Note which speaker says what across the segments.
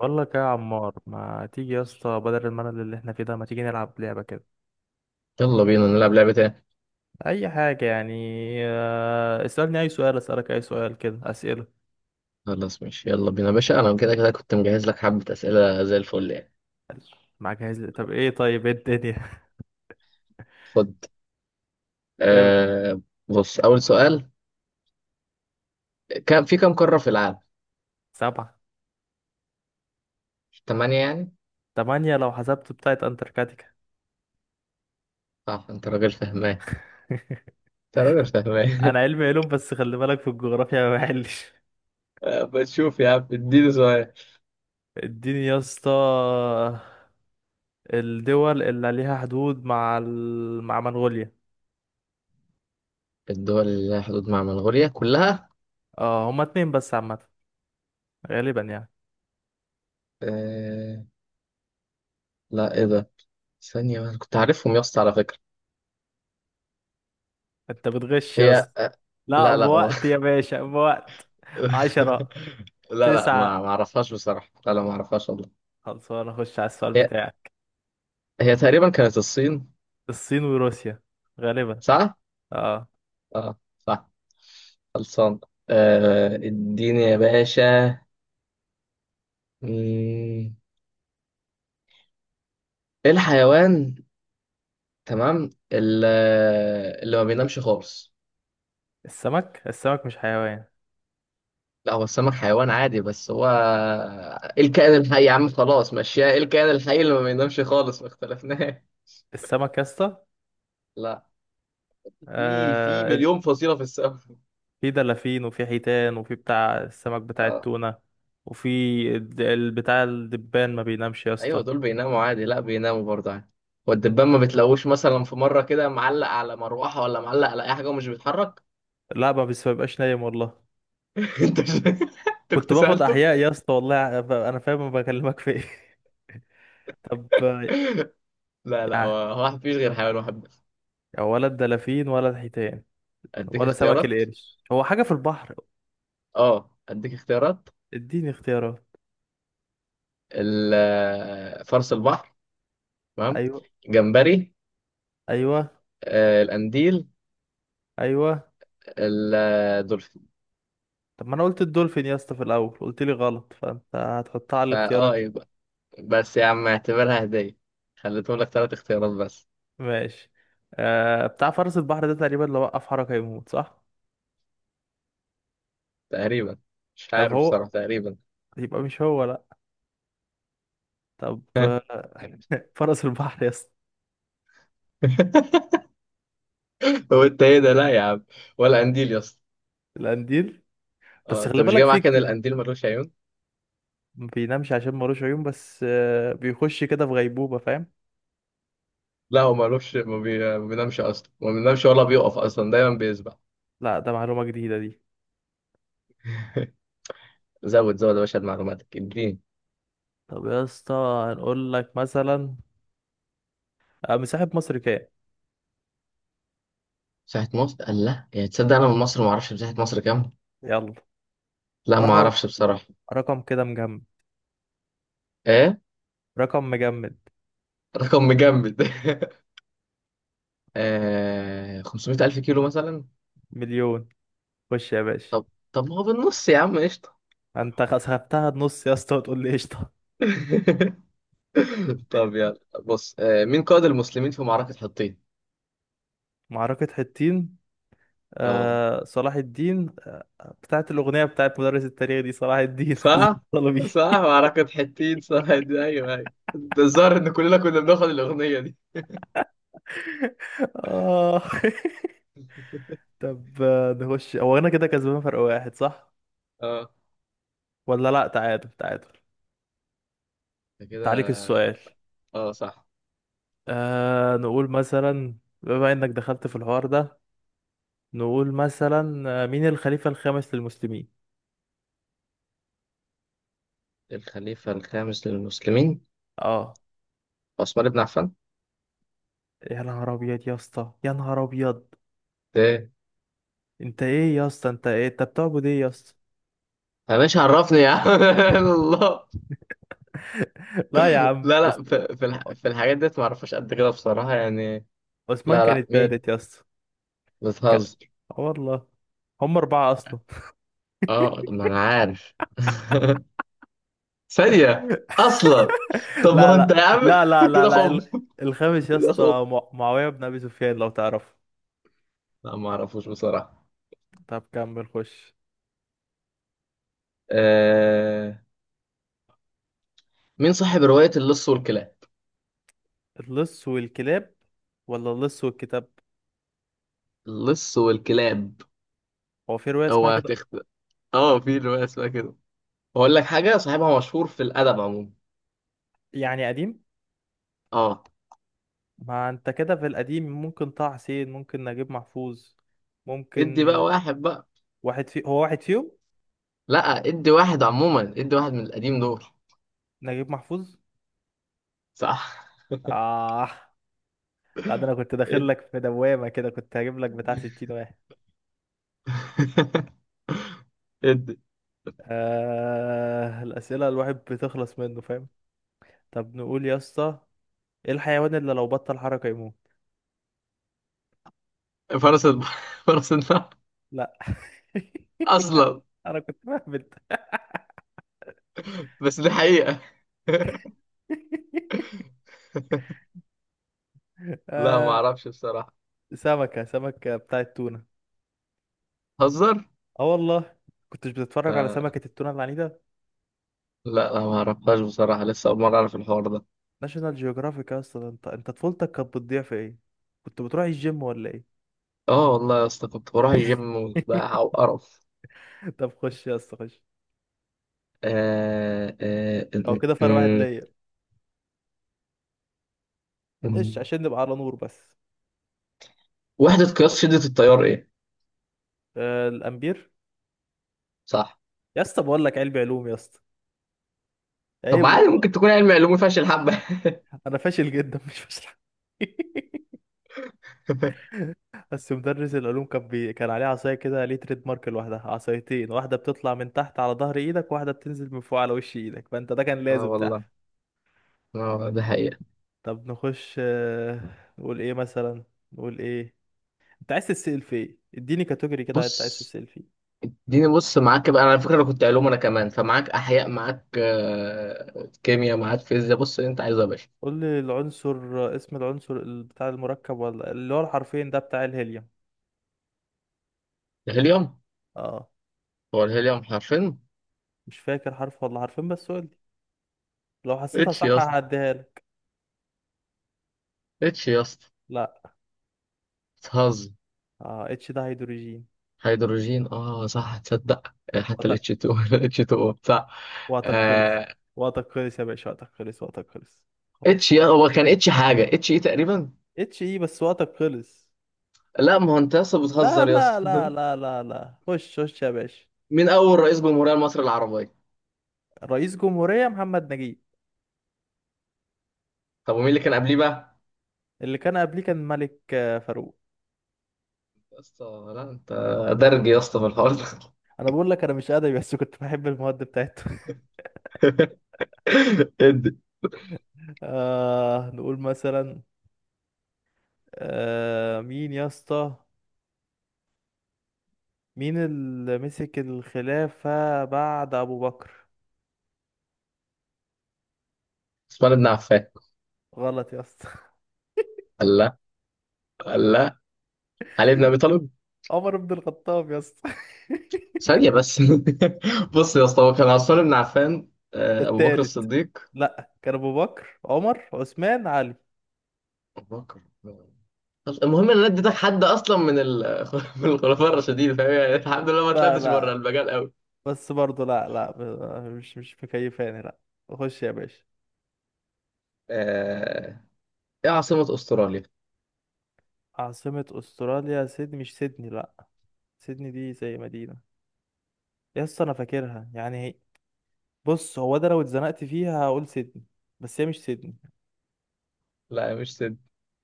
Speaker 1: بقول لك إيه يا عمار، ما تيجي يا اسطى؟ بدل الملل اللي احنا فيه ده، ما تيجي نلعب لعبة كده.
Speaker 2: يلا بينا نلعب لعبة تاني.
Speaker 1: اي حاجة يعني. اسألني اي سؤال، اسألك اي سؤال، كده اسئلة.
Speaker 2: خلاص ماشي، يلا بينا يا باشا، أنا كده كده كنت مجهز لك حبة أسئلة زي الفل يعني.
Speaker 1: معاك جاهز لي. طب ايه؟ طيب ايه الدنيا؟
Speaker 2: خد.
Speaker 1: إيه؟
Speaker 2: آه بص أول سؤال، كم في كم قارة في العالم؟
Speaker 1: 7.
Speaker 2: تمانية يعني؟
Speaker 1: 8 لو حسبت بتاعت انتاركتيكا.
Speaker 2: صح، أنت راجل فهمان، أنت راجل فهمان.
Speaker 1: انا علمي علوم، بس خلي بالك في الجغرافيا ما بحلش.
Speaker 2: بتشوف يا عم، اديني سؤال.
Speaker 1: اديني يا اسطى. الدول اللي ليها حدود مع مع منغوليا.
Speaker 2: الدول اللي لها حدود مع منغوليا كلها؟
Speaker 1: اه، هما اتنين بس عامة. غالبا يعني.
Speaker 2: آه. لا إيه ده؟ ثانية بس، كنت عارفهم يا اسطى على فكرة.
Speaker 1: انت بتغش يا
Speaker 2: هي
Speaker 1: اسطى.
Speaker 2: آه.
Speaker 1: لا
Speaker 2: لا لا
Speaker 1: بوقت يا
Speaker 2: والله.
Speaker 1: باشا، بوقت. 10.
Speaker 2: لا لا، ما
Speaker 1: 9.
Speaker 2: أعرفهاش بصراحة، لا لا ما أعرفهاش والله.
Speaker 1: خلصانة، اخش على السؤال
Speaker 2: هي،
Speaker 1: بتاعك.
Speaker 2: هي تقريبا كانت الصين.
Speaker 1: الصين وروسيا. غالبا.
Speaker 2: صح؟
Speaker 1: اه.
Speaker 2: اه صح. خلصان. آه، اديني يا باشا. مم، ايه الحيوان، تمام اللي ما بينامش خالص.
Speaker 1: السمك. السمك مش حيوان.
Speaker 2: لا هو السمك حيوان عادي، بس هو ايه الكائن الحي يا عم، خلاص ماشية، ايه الكائن الحي اللي ما بينامش خالص، ما اختلفناش.
Speaker 1: السمك يا اسطى.
Speaker 2: لا، في
Speaker 1: آه.
Speaker 2: مليون فصيلة في السمك.
Speaker 1: في دلافين وفي حيتان وفي بتاع السمك بتاع
Speaker 2: اه،
Speaker 1: التونة. وفي بتاع الدبان ما بينامش يا
Speaker 2: ايوه
Speaker 1: اسطى.
Speaker 2: دول بيناموا عادي، لا بيناموا برضه عادي. والدبان ما بتلاقوش مثلا في مرة كده معلق على مروحة ولا معلق على اي حاجة ومش بيتحرك.
Speaker 1: لا ما بيبقاش نايم والله.
Speaker 2: كنت انت
Speaker 1: كنت
Speaker 2: كنت
Speaker 1: باخد
Speaker 2: سألته؟
Speaker 1: احياء يا اسطى والله، انا فاهم، أنا فاهم بكلمك في ايه. طب.
Speaker 2: لا لا،
Speaker 1: يعني
Speaker 2: هو واحد، مفيش غير حيوان واحد بس.
Speaker 1: ولا الدلافين ولا الحيتان
Speaker 2: اديك
Speaker 1: ولا سمك
Speaker 2: اختيارات،
Speaker 1: القرش؟ هو حاجة في البحر.
Speaker 2: اه اديك اختيارات.
Speaker 1: اديني اختيارات.
Speaker 2: فرس البحر، تمام.
Speaker 1: ايوه.
Speaker 2: جمبري.
Speaker 1: ايوه.
Speaker 2: آه، القنديل.
Speaker 1: ايوه.
Speaker 2: الدولفين.
Speaker 1: طب ما انا قلت الدولفين يا اسطى في الاول، قلت لي غلط، فانت هتحطها على الاختيارات.
Speaker 2: فاه يبقى. بس يا عم اعتبرها هدية، خليتهم لك ثلاث اختيارات بس.
Speaker 1: ماشي. آه، بتاع فرس البحر ده تقريبا لو وقف حركة يموت، صح؟
Speaker 2: تقريبا، مش
Speaker 1: طب
Speaker 2: عارف
Speaker 1: هو
Speaker 2: بصراحة، تقريبا.
Speaker 1: يبقى مش هو، لا. طب. فرس البحر يا اسطى.
Speaker 2: هو انت ايه ده، لا يا عم. ولا قنديل يا اسطى.
Speaker 1: القنديل.
Speaker 2: اه
Speaker 1: بس
Speaker 2: انت
Speaker 1: خلي
Speaker 2: مش
Speaker 1: بالك،
Speaker 2: جاي
Speaker 1: فيه
Speaker 2: معاك ان
Speaker 1: كتير.
Speaker 2: القنديل ملوش عيون.
Speaker 1: ما بينامش عشان ملوش عيون، بس آه بيخش كده في غيبوبة، فاهم.
Speaker 2: لا هو مالوش ما بينامش اصلا، ما بينامش ولا بيقف اصلا، دايما بيسبح.
Speaker 1: لا، ده معلومة جديدة دي.
Speaker 2: زود زود يا باشا معلوماتك، اديني.
Speaker 1: طب يا اسطى، هنقول لك مثلا مساحة مصر كام؟
Speaker 2: مساحة مصر قال، لا يعني تصدق انا من مصر ما اعرفش مساحة مصر كام.
Speaker 1: يلا.
Speaker 2: لا ما
Speaker 1: رقم.
Speaker 2: اعرفش بصراحة.
Speaker 1: كده مجمد.
Speaker 2: ايه.
Speaker 1: رقم مجمد.
Speaker 2: رقم مجمد. آه... 500 الف كيلو مثلا.
Speaker 1: مليون. خش يا باشا.
Speaker 2: طب، طب ما هو بالنص يا عم، قشطة.
Speaker 1: انت خسفتها النص يا اسطى وتقول لي قشطة.
Speaker 2: طب يلا بص، آه، مين قائد المسلمين في معركة حطين؟
Speaker 1: معركة حطين.
Speaker 2: اه
Speaker 1: آه صلاح الدين، آه بتاعت الأغنية بتاعت مدرس التاريخ دي، صلاح الدين حسن
Speaker 2: صح،
Speaker 1: الطلبي.
Speaker 2: صح معركة حطين صح دي، ايوه ايوه، ده الظاهر ان كلنا كنا بناخد الاغنية دي.
Speaker 1: اه. طب نخش. هو انا كده كسبان فرق واحد، صح؟
Speaker 2: اه.
Speaker 1: ولا لا، تعادل، تعادل.
Speaker 2: ده
Speaker 1: انت عليك
Speaker 2: كده.
Speaker 1: السؤال.
Speaker 2: اه صح.
Speaker 1: آه نقول مثلا، بما انك دخلت في الحوار ده، نقول مثلا مين الخليفة الخامس للمسلمين؟
Speaker 2: الخليفة الخامس للمسلمين،
Speaker 1: اه.
Speaker 2: عثمان بن عفان.
Speaker 1: يا نهار ابيض يا اسطى، يا نهار ابيض.
Speaker 2: ايه،
Speaker 1: انت ايه يا اسطى؟ انت ايه؟ انت بتعبد ايه يا اسطى؟
Speaker 2: يا باشا عرفني يا عم. الله.
Speaker 1: لا يا
Speaker 2: لا
Speaker 1: عم،
Speaker 2: لا، في في الحاجات ديت ما اعرفهاش قد كده بصراحة يعني.
Speaker 1: عثمان
Speaker 2: لا
Speaker 1: كان
Speaker 2: لا
Speaker 1: التالت
Speaker 2: مين،
Speaker 1: يا اسطى. ك-
Speaker 2: بتهزر.
Speaker 1: آه والله. هم 4 اصلا.
Speaker 2: اه ما انا عارف. ثانية اصلا. طب ما
Speaker 1: لا
Speaker 2: هو انت
Speaker 1: لا
Speaker 2: يا عم
Speaker 1: لا لا لا
Speaker 2: كده
Speaker 1: لا،
Speaker 2: خم،
Speaker 1: الخامس يا
Speaker 2: كده خم.
Speaker 1: اسطى، معاوية بن ابي سفيان لو تعرفه.
Speaker 2: لا ما اعرفوش بصراحة.
Speaker 1: طب كمل، خش.
Speaker 2: آه... مين صاحب رواية اللص والكلاب؟
Speaker 1: اللص والكلاب، ولا اللص والكتاب؟
Speaker 2: اللص والكلاب.
Speaker 1: هو في رواية اسمها
Speaker 2: اوعى
Speaker 1: كده.
Speaker 2: تخت. اه في رواية اسمها كده. بقول لك حاجة، صاحبها مشهور في الأدب عموما.
Speaker 1: يعني قديم؟
Speaker 2: اه.
Speaker 1: ما انت كده في القديم ممكن طه حسين، ممكن نجيب محفوظ،
Speaker 2: ادي بقى
Speaker 1: ممكن.
Speaker 2: واحد بقى.
Speaker 1: واحد في، هو واحد فيهم.
Speaker 2: لا، ادي واحد عموما، ادي واحد من القديم دول.
Speaker 1: نجيب محفوظ.
Speaker 2: صح.
Speaker 1: اه. لا ده انا كنت داخل
Speaker 2: ادي.
Speaker 1: لك في دوامة كده، كنت هجيب لك بتاع 60 واحد.
Speaker 2: ادي.
Speaker 1: الأسئلة الواحد بتخلص منه، فاهم. طب نقول يا اسطى، ايه الحيوان اللي لو بطل حركة يموت؟
Speaker 2: فرس الب... فرس النهر.
Speaker 1: لا.
Speaker 2: أصلا
Speaker 1: انا كنت مهبل.
Speaker 2: بس دي حقيقة. لا ما
Speaker 1: آه...
Speaker 2: أعرفش بصراحة.
Speaker 1: سمكة، سمكة بتاعت تونة.
Speaker 2: هزر.
Speaker 1: اه والله. كنتش بتتفرج على
Speaker 2: لا
Speaker 1: سمكة التونة العنيدة؟
Speaker 2: لا ما أعرفهاش بصراحة، لسه أول مرة أعرف الحوار ده.
Speaker 1: ناشونال جيوغرافيك يا اسطى، ده انت، انت طفولتك كانت بتضيع في ايه؟ كنت بتروح الجيم ولا ايه؟
Speaker 2: اه والله يا اسطى، كنت بروح الجيم وبتاع وقرف.
Speaker 1: طب خش يا اسطى، خش.
Speaker 2: آه آه
Speaker 1: او
Speaker 2: م-
Speaker 1: كده فرق واحد
Speaker 2: م-
Speaker 1: ليا. ليش؟
Speaker 2: م-
Speaker 1: عشان نبقى على نور بس.
Speaker 2: وحدة قياس شدة التيار إيه؟
Speaker 1: آه الامبير.
Speaker 2: صح.
Speaker 1: يا اسطى، بقول لك علمي علوم يا اسطى،
Speaker 2: طب
Speaker 1: عيب
Speaker 2: عادي،
Speaker 1: والله.
Speaker 2: ممكن تكون علم علوم فاشل حبة.
Speaker 1: انا فاشل جدا، مش فاشل. بس مدرس العلوم كان كان عليه عصايه كده ليه تريد مارك لوحدها، عصايتين، واحده بتطلع من تحت على ظهر ايدك، واحده بتنزل من فوق على وش ايدك، فانت ده كان
Speaker 2: اه
Speaker 1: لازم
Speaker 2: والله.
Speaker 1: تحفظ.
Speaker 2: اه ده حقيقة.
Speaker 1: طب نخش. نقول ايه مثلا؟ نقول ايه؟ انت عايز تتسأل في ايه؟ اديني كاتيجوري كده انت عايز
Speaker 2: بص
Speaker 1: تتسأل فيه.
Speaker 2: اديني، بص معاك بقى، انا على فكرة انا كنت علوم، انا كمان فمعاك احياء، معاك كيمياء، معاك فيزياء، بص اللي انت عايزه يا باشا.
Speaker 1: قول لي العنصر، اسم العنصر، بتاع المركب ولا اللي هو الحرفين ده بتاع الهيليوم.
Speaker 2: الهيليوم.
Speaker 1: اه.
Speaker 2: هو الهيليوم حرفين؟
Speaker 1: مش فاكر حرف ولا حرفين، بس قول لي، لو حسيتها
Speaker 2: اتش يا
Speaker 1: صح
Speaker 2: اسطى،
Speaker 1: هعديها لك.
Speaker 2: اتش يا اسطى.
Speaker 1: لا.
Speaker 2: بتهزر.
Speaker 1: اه، اتش ده هيدروجين.
Speaker 2: هيدروجين، اه صح تصدق، حتى
Speaker 1: وقت-
Speaker 2: الاتش 2. اتش 2 صح.
Speaker 1: وقتك خلص.
Speaker 2: آه،
Speaker 1: وقتك خلص يا باشا، وقتك خلص، وقتك خلص. خلاص.
Speaker 2: اتش يا، هو كان اتش حاجة، اتش ايه تقريبا.
Speaker 1: اتش ايه، بس وقتك خلص.
Speaker 2: لا ما هو انت يا اسطى
Speaker 1: لا
Speaker 2: بتهزر يا
Speaker 1: لا لا
Speaker 2: اسطى.
Speaker 1: لا لا لا، خش خش يا باشا.
Speaker 2: مين اول رئيس جمهورية مصر العربية؟
Speaker 1: رئيس جمهورية محمد نجيب.
Speaker 2: طب ومين اللي كان قبليه بقى؟
Speaker 1: اللي كان قبليه كان ملك فاروق.
Speaker 2: يا اسطى، لا انت، درج يا اسطى في الحوار ده.
Speaker 1: انا بقول لك انا مش ادبي، بس كنت بحب المواد بتاعته.
Speaker 2: ادي.
Speaker 1: آه نقول مثلا، آه مين يا اسطى، مين اللي مسك الخلافة بعد ابو بكر؟
Speaker 2: عثمان بن عفان.
Speaker 1: غلط يا اسطى.
Speaker 2: الله. الله. علي بن ابي طالب.
Speaker 1: عمر بن الخطاب يا اسطى.
Speaker 2: ثانيه بس. بص يا اسطى، هو كان عثمان بن عفان، ابو بكر
Speaker 1: التالت.
Speaker 2: الصديق،
Speaker 1: لا، كان ابو بكر، عمر، عثمان، علي.
Speaker 2: ابو بكر. المهم ان انا اديتك حد اصلا من من الخلفاء الراشدين، فاهم يعني، الحمد لله
Speaker 1: مش
Speaker 2: ما
Speaker 1: بقى
Speaker 2: طلعتش بره
Speaker 1: لا.
Speaker 2: المجال قوي.
Speaker 1: بس برضه لا لا، مش مكيفاني، لا. خش يا باشا.
Speaker 2: آه، ايه عاصمة استراليا؟
Speaker 1: عاصمة استراليا سيدني. مش سيدني، لا. سيدني دي زي مدينة، يا اسطى انا فاكرها يعني. بص، هو ده لو اتزنقت فيها هقول سيدني، بس هي مش سيدني.
Speaker 2: لا مش سيد.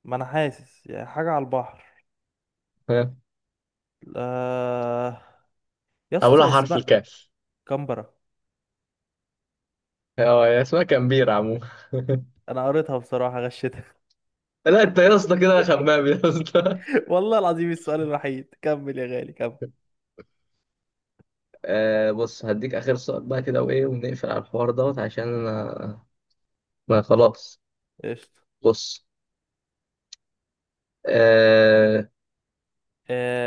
Speaker 1: ما انا حاسس يعني حاجه على البحر.
Speaker 2: ها؟
Speaker 1: آه... يا
Speaker 2: اولها
Speaker 1: اسطى
Speaker 2: حرف
Speaker 1: اسمها
Speaker 2: الكاف.
Speaker 1: كامبرا.
Speaker 2: هو هي اسمها كامبيرا عموما.
Speaker 1: انا قريتها بصراحه، غشتها.
Speaker 2: لا انت يا اسطى كده خمام يا اسطى.
Speaker 1: والله العظيم السؤال الوحيد. كمل يا غالي، كمل.
Speaker 2: آه بص، هديك اخر سؤال بقى كده وايه، ونقفل على الحوار دوت عشان انا، ما خلاص.
Speaker 1: قشطه.
Speaker 2: بص. آه.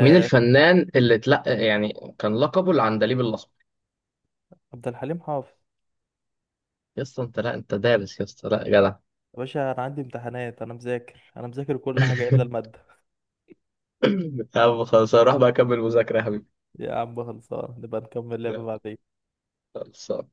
Speaker 2: مين الفنان اللي اتلقى يعني كان لقبه العندليب الاحمر؟
Speaker 1: عبد الحليم حافظ.
Speaker 2: يا اسطى انت، لا انت دارس يا اسطى، لا جدع.
Speaker 1: يا باشا انا عندي امتحانات، انا مذاكر، انا مذاكر كل حاجه الا الماده.
Speaker 2: يا عم خلاص، هروح بقى اكمل مذاكرة يا حبيبي.
Speaker 1: يا عم خلصان، نبقى نكمل لعبه
Speaker 2: يلا،
Speaker 1: بعدين.
Speaker 2: خلاص.